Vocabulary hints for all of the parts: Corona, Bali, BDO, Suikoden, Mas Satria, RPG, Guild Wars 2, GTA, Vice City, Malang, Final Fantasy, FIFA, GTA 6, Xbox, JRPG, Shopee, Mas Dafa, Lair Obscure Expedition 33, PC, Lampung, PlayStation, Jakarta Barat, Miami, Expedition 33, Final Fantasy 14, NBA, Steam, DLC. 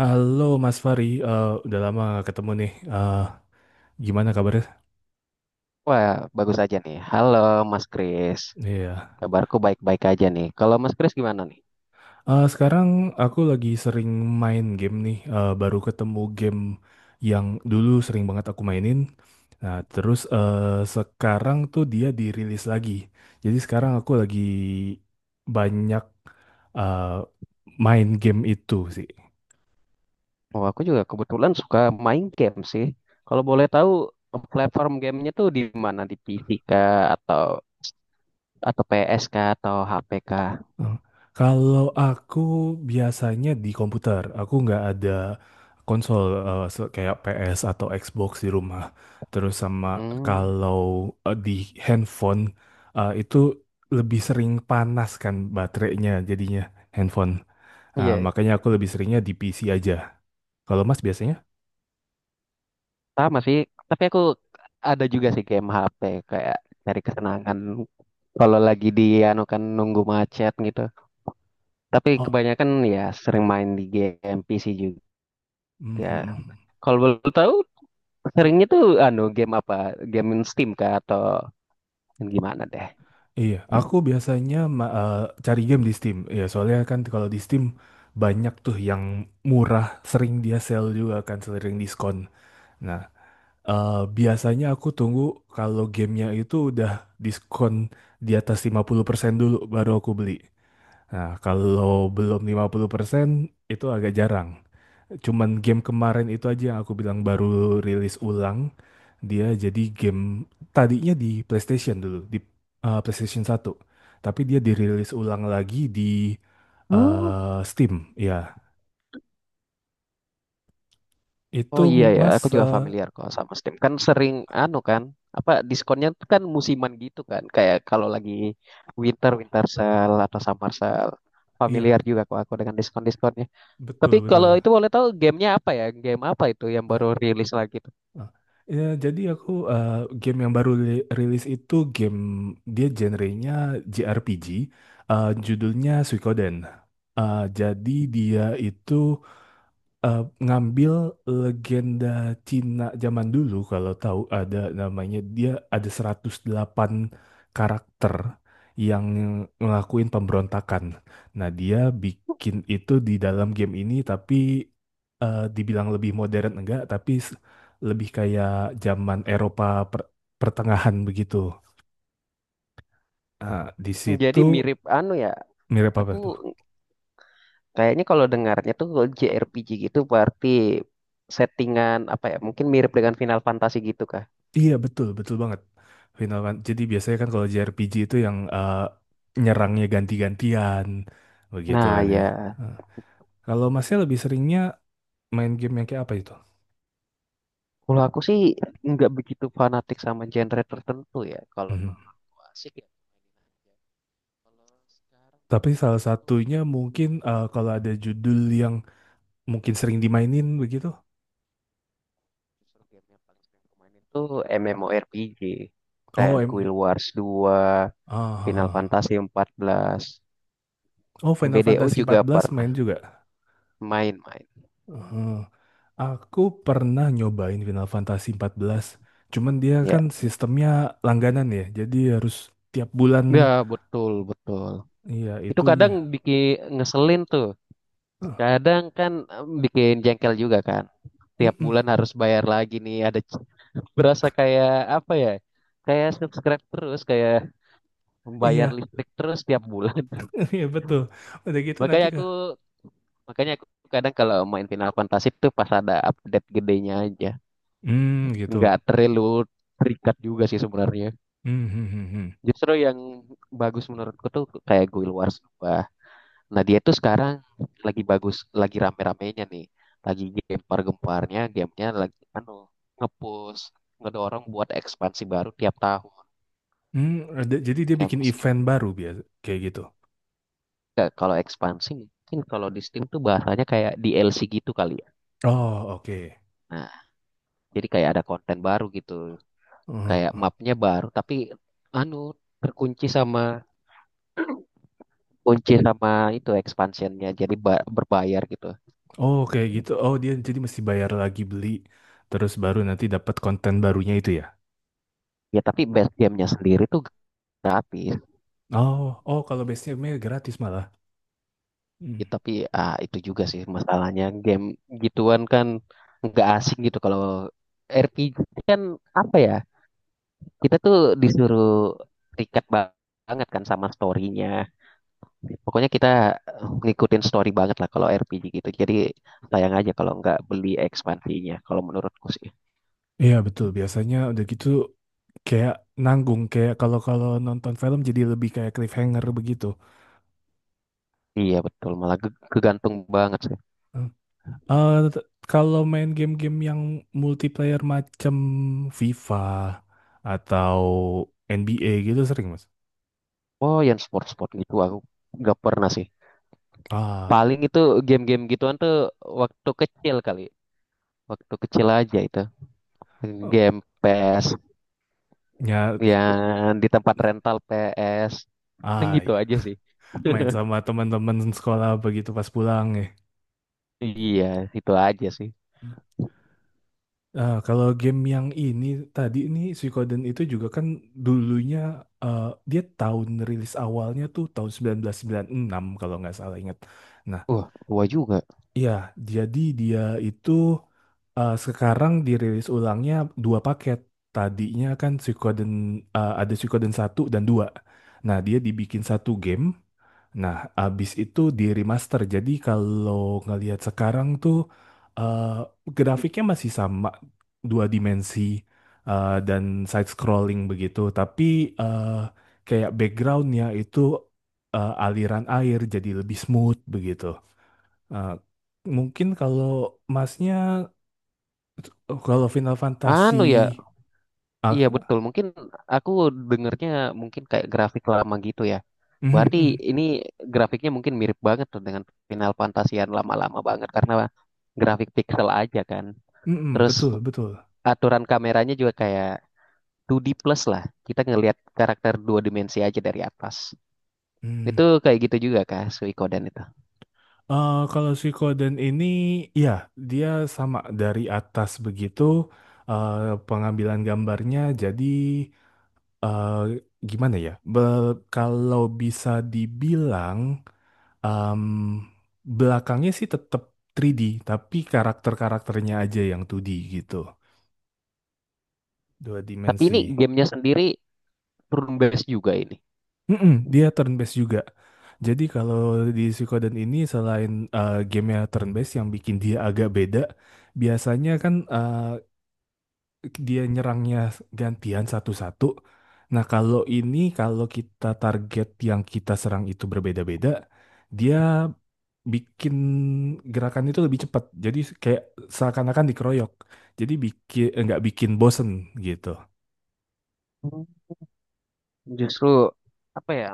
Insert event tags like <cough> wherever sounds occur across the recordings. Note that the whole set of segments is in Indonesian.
Halo Mas Fari, udah lama gak ketemu nih. Gimana kabarnya? Wah, bagus aja nih. Halo, Mas Kris. Iya. Kabarku baik-baik aja nih. Kalau Mas Kris gimana nih? Sekarang aku lagi sering main game nih. Baru ketemu game yang dulu sering banget aku mainin. Nah, terus sekarang tuh dia dirilis lagi. Jadi sekarang aku lagi banyak eh, main game itu sih. Oh, aku juga kebetulan suka main game sih. Kalau boleh tahu, platform gamenya tuh di mana? Di P C kah? Atau P S kah? Atau H P kah? Oh, Kalau aku biasanya di komputer, aku nggak ada konsol kayak PS atau Xbox di rumah. Terus sama Hmm, kalau di handphone itu lebih sering panas kan baterainya jadinya handphone. Iya, Makanya aku lebih seringnya di PC aja. Kalau Mas biasanya? sama sih. Tapi aku ada juga sih game H P kayak cari kesenangan kalau lagi di anu kan nunggu macet gitu. Tapi Oh, kebanyakan ya sering main di game P C juga. mhm. Kalau boleh tahu, seringnya tuh anu game apa? Game Steam kah atau yang gimana deh? Iya, aku biasanya cari game di Steam. Ya, soalnya kan kalau di Steam banyak tuh yang murah, sering dia sale juga kan, sering diskon. Nah, biasanya aku tunggu kalau gamenya itu udah diskon di atas 50% dulu baru aku beli. Nah, kalau belum 50% itu agak jarang. Cuman game kemarin itu aja yang aku bilang baru rilis ulang. Dia jadi game tadinya di PlayStation dulu, di PlayStation satu. Tapi dia dirilis ulang lagi di Oh. Steam, ya. Itu Oh iya ya, Mas aku juga familiar kok sama Steam. Kan sering anu kan, apa diskonnya tuh kan musiman gitu kan. Kayak kalau lagi winter, winter sale atau summer sale. Familiar iya, juga kok aku dengan diskon-diskonnya. Tapi betul kalau betul. itu boleh tahu gamenya apa ya? Game apa itu yang Ah, baru rilis lagi tuh? ah. Ya, jadi aku game yang baru rilis itu game dia genrenya JRPG, judulnya Suikoden. Jadi dia itu ngambil legenda Cina zaman dulu, kalau tahu ada namanya, dia ada 108 karakter yang ngelakuin pemberontakan. Nah, dia bikin itu di dalam game ini, tapi dibilang lebih modern enggak, tapi lebih kayak zaman Eropa per- pertengahan begitu. Nah, di Jadi situ mirip anu ya, mirip apa aku tuh? kayaknya kalau dengarnya tuh kalau JRPG gitu berarti settingan apa ya? Mungkin mirip dengan Final Fantasy gitu kah? Iya betul betul banget. Jadi biasanya kan kalau JRPG itu yang nyerangnya ganti-gantian begitu Nah kan ya, ya. Eh, Kalau masnya lebih seringnya main game yang kayak apa itu? kalau aku sih nggak begitu fanatik sama genre tertentu ya. Kalau Mhm. menurut aku asik ya mainin aja. Kalau sekarang sih Tapi salah sebenarnya aku satunya mungkin kalau ada judul yang mungkin sering dimainin begitu. justru game yang paling sering aku mainin tuh MMORPG kayak Oh, em, Guild Wars 2, ah, ah, Final ah. Fantasy 14, Oh, Final BDO Fantasy juga empat belas pernah main juga. main-main. Eh, aku pernah nyobain Final Fantasy 14. Cuman dia Ya, kan sistemnya langganan ya. Jadi harus tiap bulan. ya, betul, betul. Iya, Itu kadang itunya. bikin ngeselin tuh. Eh, Kadang kan bikin jengkel juga kan. Tiap mm-mm. bulan harus bayar lagi nih. Berasa kayak apa ya? Kayak subscribe terus, kayak membayar Iya, listrik terus tiap bulan. <laughs> <laughs> iya betul. Udah gitu nanti Makanya aku kah? makanya aku kadang kalau main Final Fantasy tuh pas ada update gedenya aja. Hmm, Nggak gitu. terlalu terikat juga sih sebenarnya. Hmm, hmm, hmm, hmm. Justru yang bagus menurutku tuh kayak Guild Wars 2. Nah, dia tuh sekarang lagi bagus, lagi rame-ramenya nih. Lagi gempar-gemparnya, gamenya lagi anu, ngepush ngedorong buat ekspansi baru tiap tahun. Hmm, ada- jadi dia Ya, bikin event meskipun baru biasa kayak gitu. Kalau ekspansi mungkin kalau di Steam tuh bahasanya kayak DLC gitu kali ya. Oh, oke. Nah, jadi kayak ada konten baru gitu. Hmm, hmm, Kayak hmm. mapnya baru, tapi anu terkunci sama kunci sama itu expansionnya jadi berbayar gitu. Oh, kayak gitu. Oh, dia jadi mesti bayar lagi beli terus baru nanti dapat konten barunya itu ya. Ya tapi base gamenya sendiri tuh gratis. Oh, oh kalau base nya gratis malah. Hmm. Ya, tapi itu juga sih masalahnya game gituan kan nggak asing gitu kalau RPG kan apa ya kita tuh disuruh terikat banget kan sama storynya, pokoknya kita ngikutin story banget lah kalau RPG gitu, jadi sayang aja kalau nggak beli ekspansinya kalau menurutku sih. Iya, betul. Biasanya udah gitu kayak nanggung, kayak kalau kalau nonton film jadi lebih kayak cliffhanger begitu. Iya betul, malah kegantung banget sih. Hmm. Eh, t- kalau main game-game yang multiplayer macam FIFA atau NBA gitu sering, Mas. Oh, yang sport-sport gitu aku nggak pernah sih. Ah, Paling itu game-game gituan tuh waktu kecil, kali waktu kecil aja, itu eh, game PS ya, yang di tempat rental PS ah, gitu iya. aja sih. Main <laughs> sama teman-teman sekolah begitu pas pulang ya. Iya, itu aja sih. Kalau game yang ini tadi ini Suikoden itu juga kan dulunya eh, dia tahun rilis awalnya tuh tahun 1996 kalau nggak salah ingat. Nah, Wah, tua juga. iya, jadi dia itu sekarang dirilis ulangnya dua paket. Tadinya kan Suikoden ada Suikoden satu dan dua. Nah, dia dibikin satu game. Nah, abis itu di remaster. Jadi kalau ngelihat sekarang tuh eh, grafiknya masih sama, dua dimensi dan side scrolling begitu, tapi eh, kayak backgroundnya itu aliran air jadi lebih smooth begitu. Eh, mungkin kalau masnya kalau Final Fantasy Anu ya, iya ah, betul mungkin. Aku dengernya mungkin kayak grafik lama gitu ya, mhm, berarti mhm, ini grafiknya mungkin mirip banget tuh dengan Final Fantasy yang lama-lama banget karena grafik pixel aja kan. mhm, Terus betul betul. aturan kameranya juga kayak 2D plus lah, kita ngelihat karakter dua dimensi aja dari atas. Hmm. Itu kayak gitu juga kah Suikoden itu? Kalau Suikoden ini ya dia sama dari atas begitu eh, pengambilan gambarnya, jadi eh, gimana ya? Kalau bisa dibilang em, belakangnya sih tetap tiga d, tapi karakter-karakternya aja yang 2D gitu. Dua Tapi ini dimensi. gamenya sendiri turn based juga ini. Mm-mm, dia turn based juga. Jadi kalau di Suikoden ini selain gamenya turn based yang bikin dia agak beda, biasanya kan dia nyerangnya gantian satu-satu. Nah kalau ini kalau kita target yang kita serang itu berbeda-beda, dia bikin gerakan itu lebih cepat. Jadi kayak seakan-akan dikeroyok. Jadi bikin nggak bikin bosen gitu. Hmm, Justru apa ya,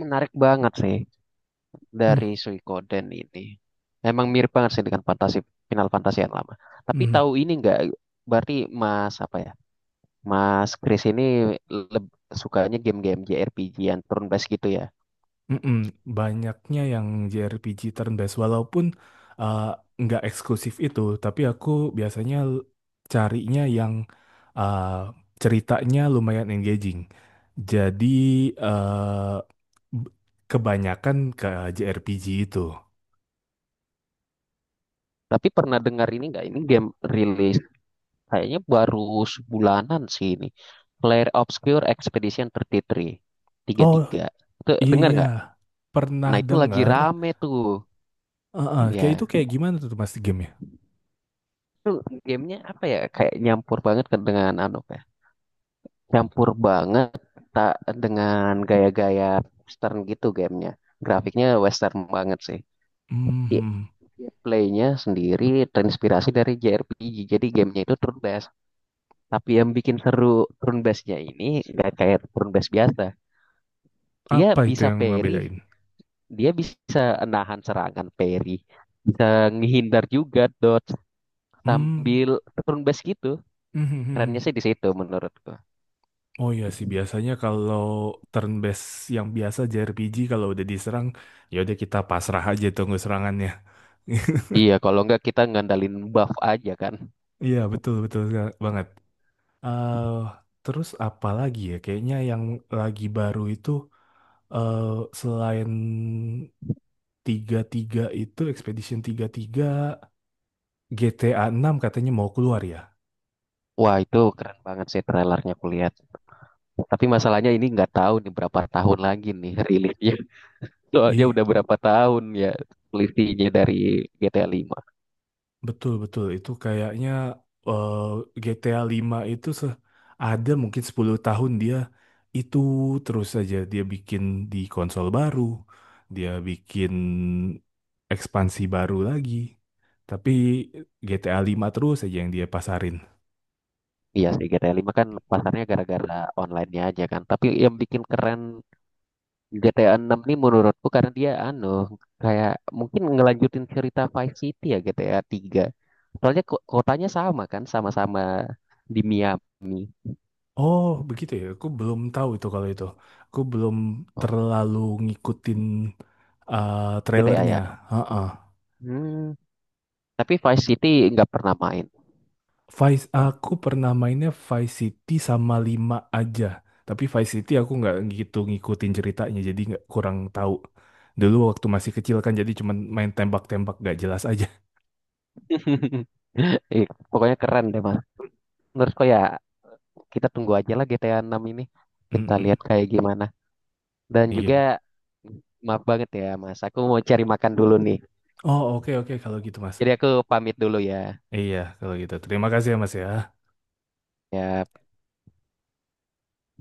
menarik banget sih. Dari Suikoden ini emang mirip banget sih dengan fantasi Final Fantasy yang lama. Tapi Hmm. tahu ini nggak? Berarti Mas apa ya? Mas Chris ini leb- sukanya game-game JRPG yang turn based gitu ya. Mm-mm, banyaknya yang JRPG turn-based, walaupun uh, nggak eksklusif itu, tapi aku biasanya carinya yang uh, ceritanya lumayan engaging. Jadi uh, b- kebanyakan ke JRPG itu. Tapi pernah dengar ini nggak? Ini game rilis kayaknya baru sebulanan sih ini. Lair Obscure Expedition 33. Tiga tiga puluh Oh tiga. Itu dengar iya, nggak? pernah Nah, itu lagi dengar. rame tuh. Uh-uh, kayak itu Ya, kayak gimana tuh mas game-nya? itu gamenya apa ya? Kayak nyampur banget ke dengan anu kan, campur banget tak dengan gaya-gaya western gitu gamenya. Grafiknya western banget sih. I- Mhm. Playnya sendiri terinspirasi dari JRPG. Jadi gamenya itu turn based. Tapi yang bikin seru turn based-nya ini nggak kayak turn based biasa. Dia Apa itu bisa yang parry, ngebedain? dia bisa nahan serangan parry, bisa ngehindar juga dodge Hmm. sambil turn based gitu. Kerennya <laughs> sih di situ menurutku. Oh iya sih biasanya kalau turn based yang biasa JRPG kalau udah diserang ya udah kita pasrah aja tunggu serangannya. <laughs> Iya, kalau nggak kita ngandalin buff aja kan. Iya betul betul banget. Eh, terus apa lagi ya? Kayaknya yang lagi baru itu eh selain tiga tiga itu Expedition 33, GTA 6 katanya mau keluar ya. Wah, itu keren banget sih trailernya aku lihat. Tapi masalahnya ini nggak tahu nih berapa tahun lagi nih rilisnya. <laughs> Soalnya Ih, udah berapa tahun ya selisihnya dari GTA 5. betul, betul. Itu kayaknya eh, GTA 5 itu ada mungkin 10 tahun dia itu terus saja dia bikin di konsol baru, dia bikin ekspansi baru lagi. Tapi GTA 5 terus saja yang dia pasarin. Iya sih, GTA 5 kan pasarnya gara-gara online-nya aja kan. Tapi yang bikin keren GTA 6 nih menurutku karena dia anu, kayak mungkin ngelanjutin cerita Vice City ya GTA 3. Soalnya kotanya sama kan, sama-sama di Miami. Oh, begitu ya. Aku belum tahu itu kalau itu. Aku belum Oh, terlalu ngikutin eh, GTA trailernya. ya. Heeh. Hmm, tapi Vice City nggak pernah main. Vice aku pernah mainnya Vice City sama 5 aja. Tapi Vice City aku nggak gitu ngikutin ceritanya, jadi nggak kurang tahu. Dulu waktu masih kecil kan jadi cuman main tembak-tembak nggak jelas aja. <laughs> Ih, pokoknya keren deh mas. Menurutku ya kita tunggu aja lah GTA 6 ini. <laughs> Kita Mm-mm. lihat kayak gimana. Dan Iya. Pak. juga maaf banget ya mas, aku mau cari makan dulu nih. Oh oke oke kalau gitu Mas. Jadi aku pamit dulu ya. Iya kalau gitu. Terima kasih ya Mas ya. Ya.